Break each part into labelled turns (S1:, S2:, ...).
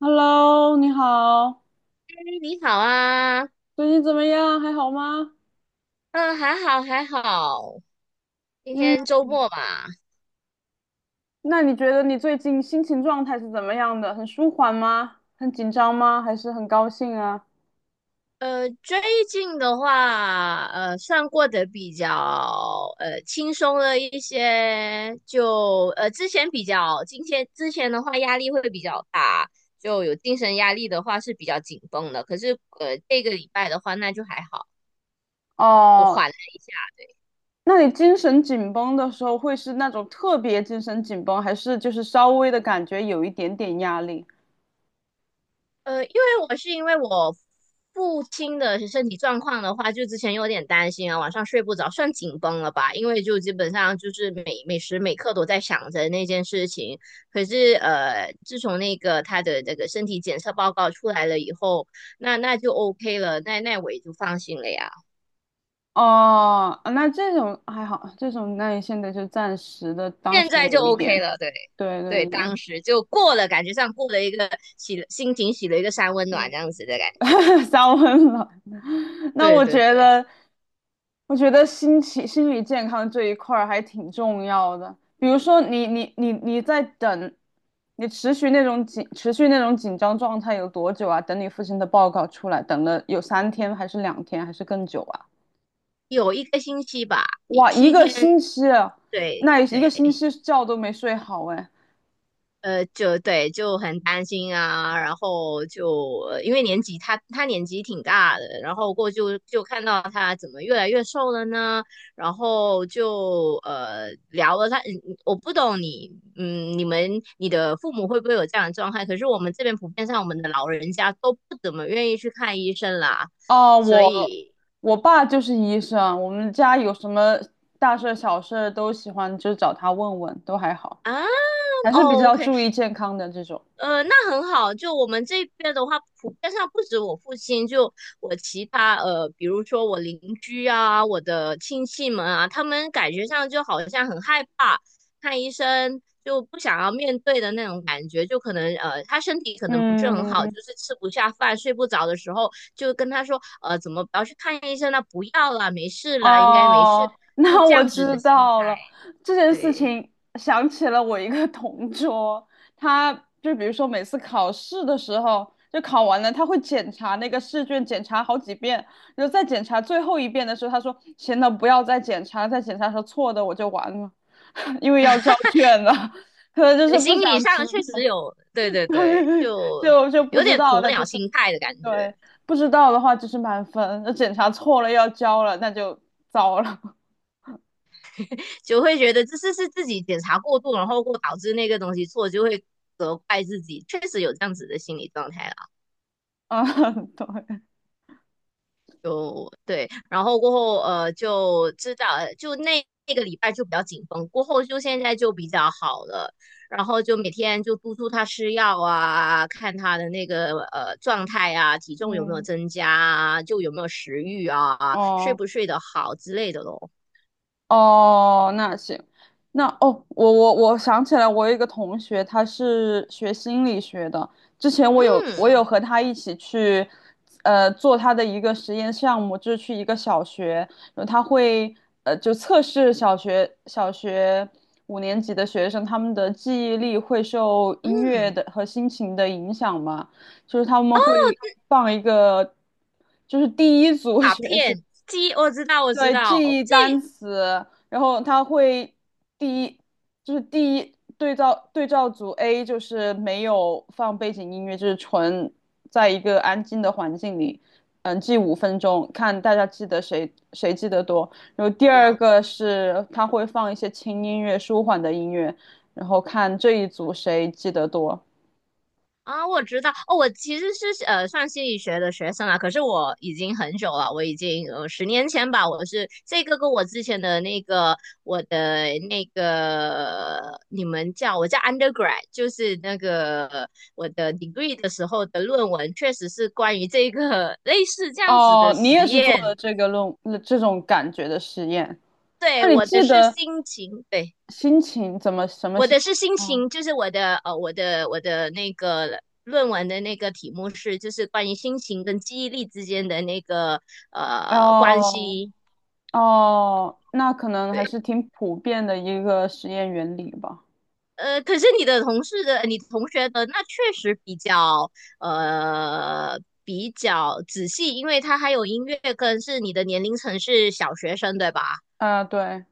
S1: Hello，你好，
S2: 哎你好啊，
S1: 最近怎么样？还好吗？
S2: 嗯，还好还好。今
S1: 嗯，
S2: 天周末嘛。
S1: 那你觉得你最近心情状态是怎么样的？很舒缓吗？很紧张吗？还是很高兴啊？
S2: 最近的话，算过得比较轻松了一些，就之前比较，今天之前的话压力会比较大，就有精神压力的话是比较紧绷的。可是这个礼拜的话那就还好，就
S1: 哦，
S2: 缓了。
S1: 那你精神紧绷的时候会是那种特别精神紧绷，还是就是稍微的感觉有一点点压力？
S2: 因为我父亲的身体状况的话，就之前有点担心啊，晚上睡不着，算紧绷了吧？因为就基本上就是每时每刻都在想着那件事情。可是自从那个他的那个身体检测报告出来了以后，那就 OK 了，那我也就放心了呀。
S1: 哦，那这种还好，那你现在就暂时的，当
S2: 现
S1: 时
S2: 在就
S1: 有一
S2: OK
S1: 点，
S2: 了，对
S1: 对
S2: 对，
S1: 对对，
S2: 当时就过了，感觉上过了一个洗了心情洗了一个三温暖
S1: 嗯。
S2: 这样子的感觉。
S1: 烧温暖。那
S2: 对
S1: 我
S2: 对
S1: 觉
S2: 对。
S1: 得，我觉得心情、心理健康这一块儿还挺重要的。比如说你，你、你、你在等，你持续那种紧、持续那种紧张状态有多久啊？等你父亲的报告出来，等了有3天，还是2天，还是更久啊？
S2: 有一个星期吧，
S1: 哇，一
S2: 七
S1: 个
S2: 天
S1: 星期啊。
S2: 对
S1: 那一个
S2: 对。
S1: 星期觉都没睡好哎。
S2: 就对，就很担心啊，然后就因为年纪，他年纪挺大的，然后过就看到他怎么越来越瘦了呢，然后就聊了他。嗯我不懂你，你们你的父母会不会有这样的状态？可是我们这边普遍上，我们的老人家都不怎么愿意去看医生啦，
S1: 哦，
S2: 所
S1: 我
S2: 以
S1: 我爸就是医生，我们家有什么大事儿小事儿都喜欢就找他问问，都还好，
S2: 啊，
S1: 还是比
S2: o
S1: 较
S2: k
S1: 注意健康的这种。
S2: 那很好。就我们这边的话，普遍上不止我父亲，就我其他比如说我邻居啊，我的亲戚们啊，他们感觉上就好像很害怕看医生，就不想要面对的那种感觉。就可能他身体可能不是很好，就
S1: 嗯，
S2: 是吃不下饭、睡不着的时候，就跟他说，怎么不要去看医生了？不要了，没事了，应该没事，
S1: 哦，
S2: 就
S1: 那
S2: 这
S1: 我
S2: 样子的
S1: 知
S2: 心态。
S1: 道了。这件事
S2: 对。
S1: 情想起了我一个同桌，他就比如说每次考试的时候，就考完了，他会检查那个试卷，检查好几遍，然后再检查最后一遍的时候，他说：“行了，不要再检查了，再检查说错的我就完了，因为要交卷了。”可能就是
S2: 对，
S1: 不
S2: 心
S1: 想
S2: 理
S1: 知
S2: 上确
S1: 道，
S2: 实有，对对对，就
S1: 就不
S2: 有
S1: 知
S2: 点
S1: 道，
S2: 鸵
S1: 那就
S2: 鸟
S1: 是
S2: 心态的感觉。
S1: 对，不知道的话就是满分，那检查错了要交了，那就糟了。
S2: 就会觉得这是自己检查过度，然后过导致那个东西错，就会责怪自己，确实有这样子的心理状态了。
S1: 啊，对，
S2: 就对，然后过后就知道，就那个礼拜就比较紧绷，过后就现在就比较好了，然后就每天就督促他吃药啊，看他的那个状态啊，体重有没有
S1: 嗯，
S2: 增加啊，就有没有食欲啊，睡
S1: 哦
S2: 不睡得好之类的咯。
S1: 哦，那行，那哦，我想起来，我有一个同学，他是学心理学的。之前我有我
S2: 嗯
S1: 有和他一起去，做他的一个实验项目，就是去一个小学，然后他会就测试小学五年级的学生，他们的记忆力会受音乐
S2: 嗯，
S1: 的和心情的影响嘛，就是他们会放一个。就是第一组
S2: 卡
S1: 学生，
S2: 片机我知道我知
S1: 对，
S2: 道，
S1: 记忆
S2: 这
S1: 单词，然后它会第一第一对照组 A 就是没有放背景音乐，就是纯在一个安静的环境里，嗯，记5分钟，看大家记得谁记得多。然后第
S2: 比
S1: 二
S2: 较
S1: 个
S2: 多
S1: 是它会放一些轻音乐、舒缓的音乐，然后看这一组谁记得多。
S2: 啊，我知道哦。我其实是算心理学的学生啦，可是我已经很久了，我已经10年前吧，我是这个跟我之前的那个我的那个你们叫我叫 undergrad，就是那个我的 degree 的时候的论文，确实是关于这个 类似这样子的
S1: 哦，你
S2: 实
S1: 也是做了
S2: 验。
S1: 这个这种感觉的实验，那
S2: 对，
S1: 你
S2: 我
S1: 记
S2: 的是
S1: 得
S2: 心情，对，
S1: 心情怎么什么
S2: 我
S1: 心？
S2: 的是心
S1: 哦
S2: 情，就是我的我的那个论文的那个题目是，就是关于心情跟记忆力之间的那个关
S1: 哦
S2: 系。
S1: 哦，那可能还
S2: 对。
S1: 是挺普遍的一个实验原理吧。
S2: 可是你的同事的、你同学的那确实比较呃比较仔细，因为他还有音乐跟是你的年龄层是小学生，对吧？
S1: 啊，对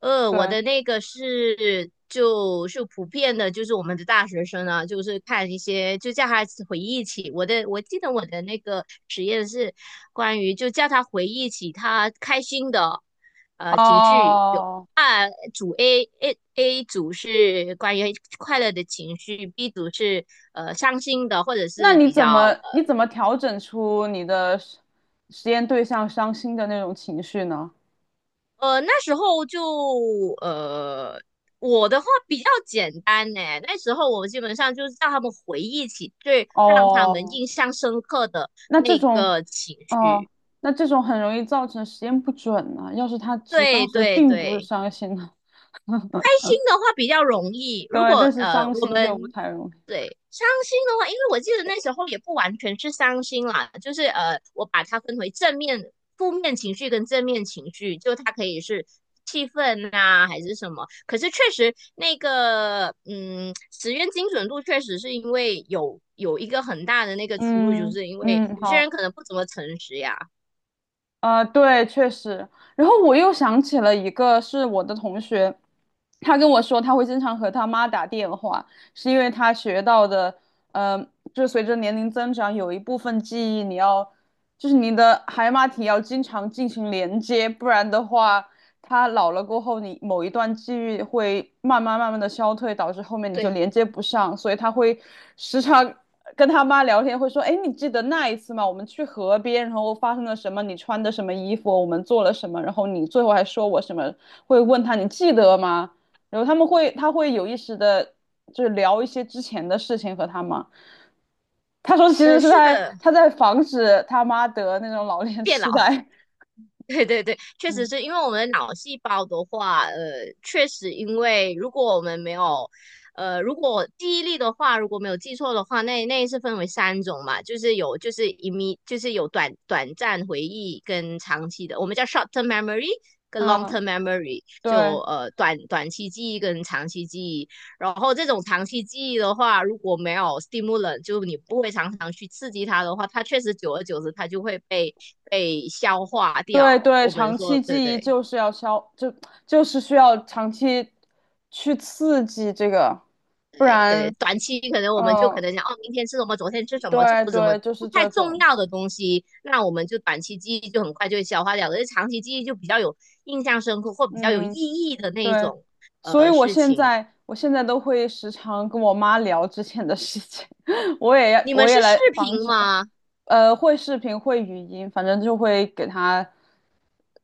S2: 我
S1: 对，
S2: 的那个是就是普遍的，就是我们的大学生啊，就是看一些就叫他回忆起我的，我记得我的那个实验是关于就叫他回忆起他开心的情绪，有
S1: 哦，
S2: 组 A A A 组是关于快乐的情绪，B 组是伤心的或者
S1: 那
S2: 是
S1: 你
S2: 比
S1: 怎
S2: 较
S1: 么你怎么调整出你的实验对象伤心的那种情绪呢？
S2: 那时候就呃，我的话比较简单呢。那时候我基本上就是让他们回忆起最让他们
S1: 哦，
S2: 印象深刻的
S1: 那这
S2: 那
S1: 种
S2: 个情
S1: 哦，
S2: 绪。
S1: 那这种很容易造成实验不准呢、要是他其实
S2: 对
S1: 当时
S2: 对
S1: 并不是
S2: 对。
S1: 伤心呢，
S2: 开心的话比较容易，
S1: 对，
S2: 如果
S1: 但是伤
S2: 我
S1: 心就不
S2: 们
S1: 太容易。
S2: 对伤心的话，因为我记得那时候也不完全是伤心啦，就是我把它分为正面、负面情绪跟正面情绪，就它可以是气氛啊还是什么。可是确实那个实验精准度确实是因为有一个很大的那个出入，就
S1: 嗯
S2: 是因为
S1: 嗯，
S2: 有些
S1: 好。
S2: 人可能不怎么诚实呀。
S1: 啊、对，确实。然后我又想起了一个，是我的同学，他跟我说他会经常和他妈打电话，是因为他学到的，呃，就随着年龄增长，有一部分记忆你要，就是你的海马体要经常进行连接，不然的话，他老了过后，你某一段记忆会慢慢慢慢的消退，导致后面你就
S2: 对，
S1: 连接不上，所以他会时常跟他妈聊天，会说：“哎，你记得那一次吗？我们去河边，然后发生了什么？你穿的什么衣服？我们做了什么？然后你最后还说我什么？会问他你记得吗？”然后他会有意识的，就是聊一些之前的事情和他妈。他说其实是
S2: 是
S1: 在
S2: 的，
S1: 他在防止他妈得那种老年
S2: 变老。
S1: 痴呆。
S2: 对对对，确实
S1: 嗯，
S2: 是因为我们的脑细胞的话，确实因为如果我们没有，如果记忆力的话，如果没有记错的话，那是分为三种嘛，就是有就是一米，就是有短暂回忆跟长期的，我们叫 short term memory 跟 long
S1: 嗯，
S2: term memory，就
S1: 对，
S2: 短期记忆跟长期记忆。然后这种长期记忆的话，如果没有 stimulant，就你不会常常去刺激它的话，它确实久而久之它就会被消化掉。
S1: 对对，
S2: 我们
S1: 长
S2: 说，
S1: 期
S2: 对
S1: 记忆
S2: 对
S1: 就是需要长期去刺激这个，不
S2: 对对，
S1: 然，
S2: 短期可能我们就
S1: 嗯，
S2: 可能想，哦，明天吃什么，昨天吃什么，就
S1: 对
S2: 不怎么
S1: 对，就
S2: 不
S1: 是
S2: 太
S1: 这
S2: 重
S1: 种，
S2: 要的东西，那我们就短期记忆就很快就会消化掉，而长期记忆就比较有印象深刻或比较有意
S1: 嗯，
S2: 义的那一
S1: 对，
S2: 种
S1: 所以我
S2: 事
S1: 现
S2: 情。
S1: 在我现在都会时常跟我妈聊之前的事情，
S2: 你们
S1: 我也
S2: 是视
S1: 来防
S2: 频
S1: 止，
S2: 吗？
S1: 会视频会语音，反正就会给她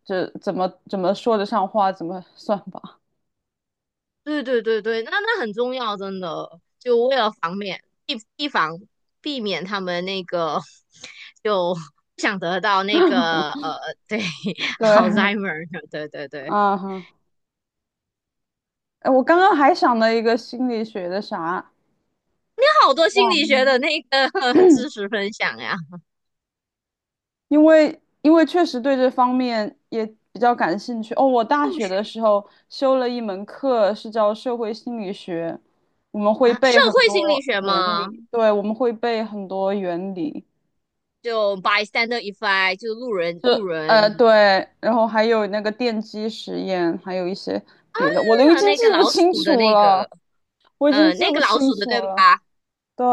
S1: 就怎么说得上话，怎么算吧，
S2: 对对对对，那很重要，真的，就为了防免避避防避免他们那个 就不想得到那个 对
S1: 对，
S2: ，Alzheimer，对对对。
S1: 啊。哎，我刚刚还想了一个心理学的啥，
S2: 好
S1: 我
S2: 多心
S1: 忘
S2: 理学
S1: 了，
S2: 的那个 知识分享呀，
S1: 因为确实对这方面也比较感兴趣。哦，我大
S2: 兴
S1: 学的
S2: 趣
S1: 时候修了一门课是叫社会心理学，我们会
S2: 啊。社
S1: 背很
S2: 会心理
S1: 多
S2: 学
S1: 原
S2: 吗？
S1: 理，对，我们会背很多原理，
S2: 就 bystander effect，就路人
S1: 就
S2: 路人，是
S1: 对，然后还有那个电机实验，还有一些别的，我都已
S2: 啊。
S1: 经
S2: 那
S1: 记
S2: 个
S1: 不
S2: 老
S1: 清
S2: 鼠的
S1: 楚
S2: 那
S1: 了，
S2: 个，
S1: 我已经记
S2: 那
S1: 不
S2: 个老
S1: 清
S2: 鼠的
S1: 楚
S2: 对
S1: 了。
S2: 吧？
S1: 对，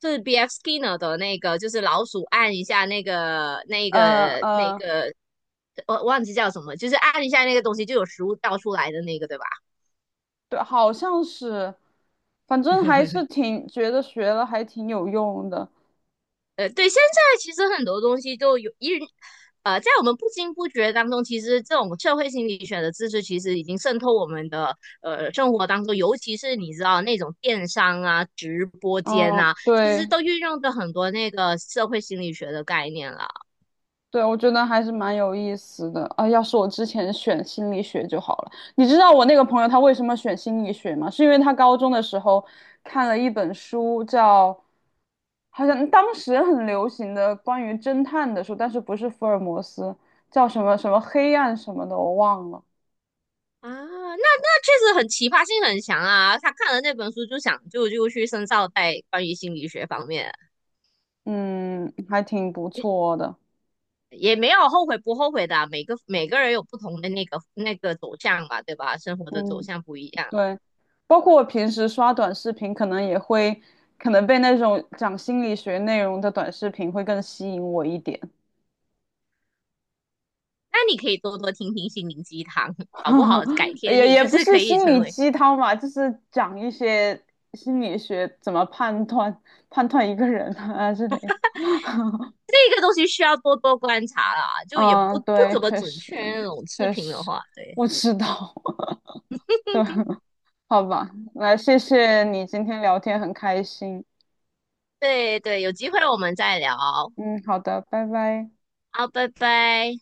S2: 是 B.F. Skinner 的那个，就是老鼠按一下那个那
S1: 呃
S2: 个那
S1: 呃，
S2: 个，我忘记叫什么，就是按一下那个东西就有食物倒出来的那个，对吧？
S1: 对，好像是，反正还是挺觉得学了还挺有用的。
S2: 对，现在其实很多东西都有在我们不经不觉当中，其实这种社会心理学的知识其实已经渗透我们的生活当中，尤其是你知道那种电商啊、直播间
S1: 嗯，
S2: 啊，其实
S1: 对
S2: 都运用着很多那个社会心理学的概念了。
S1: 对，我觉得还是蛮有意思的。啊，要是我之前选心理学就好了。你知道我那个朋友他为什么选心理学吗？是因为他高中的时候看了一本书叫，好像当时很流行的关于侦探的书，但是不是福尔摩斯，叫什么什么黑暗什么的，我忘了。
S2: 啊，那确实很奇葩性很强啊！他看了那本书就想就就去深造在关于心理学方面，
S1: 嗯，还挺不错的。
S2: 也没有后悔不后悔的啊，每个人有不同的那个走向嘛，对吧？生活的走
S1: 嗯。
S2: 向不一样。
S1: 对，包括我平时刷短视频，可能也会，可能被那种讲心理学内容的短视频会更吸引我一点，
S2: 那你可以多多听听心灵鸡汤，搞不好 改天
S1: 也
S2: 你
S1: 也
S2: 就
S1: 不
S2: 是
S1: 是
S2: 可以
S1: 心
S2: 成
S1: 理
S2: 为，
S1: 鸡汤吧，就是讲一些心理学怎么判断一个人啊 之类的。
S2: 这个东西需要多多观察啦，就也不
S1: 嗯，
S2: 不
S1: 对，
S2: 怎么
S1: 确
S2: 准
S1: 实
S2: 确那种视
S1: 确
S2: 频的
S1: 实，
S2: 话，对
S1: 我知道，对，好吧，来，谢谢你今天聊天很开心，
S2: 对对，有机会我们再聊，
S1: 嗯，好的，拜拜。
S2: 好，拜拜。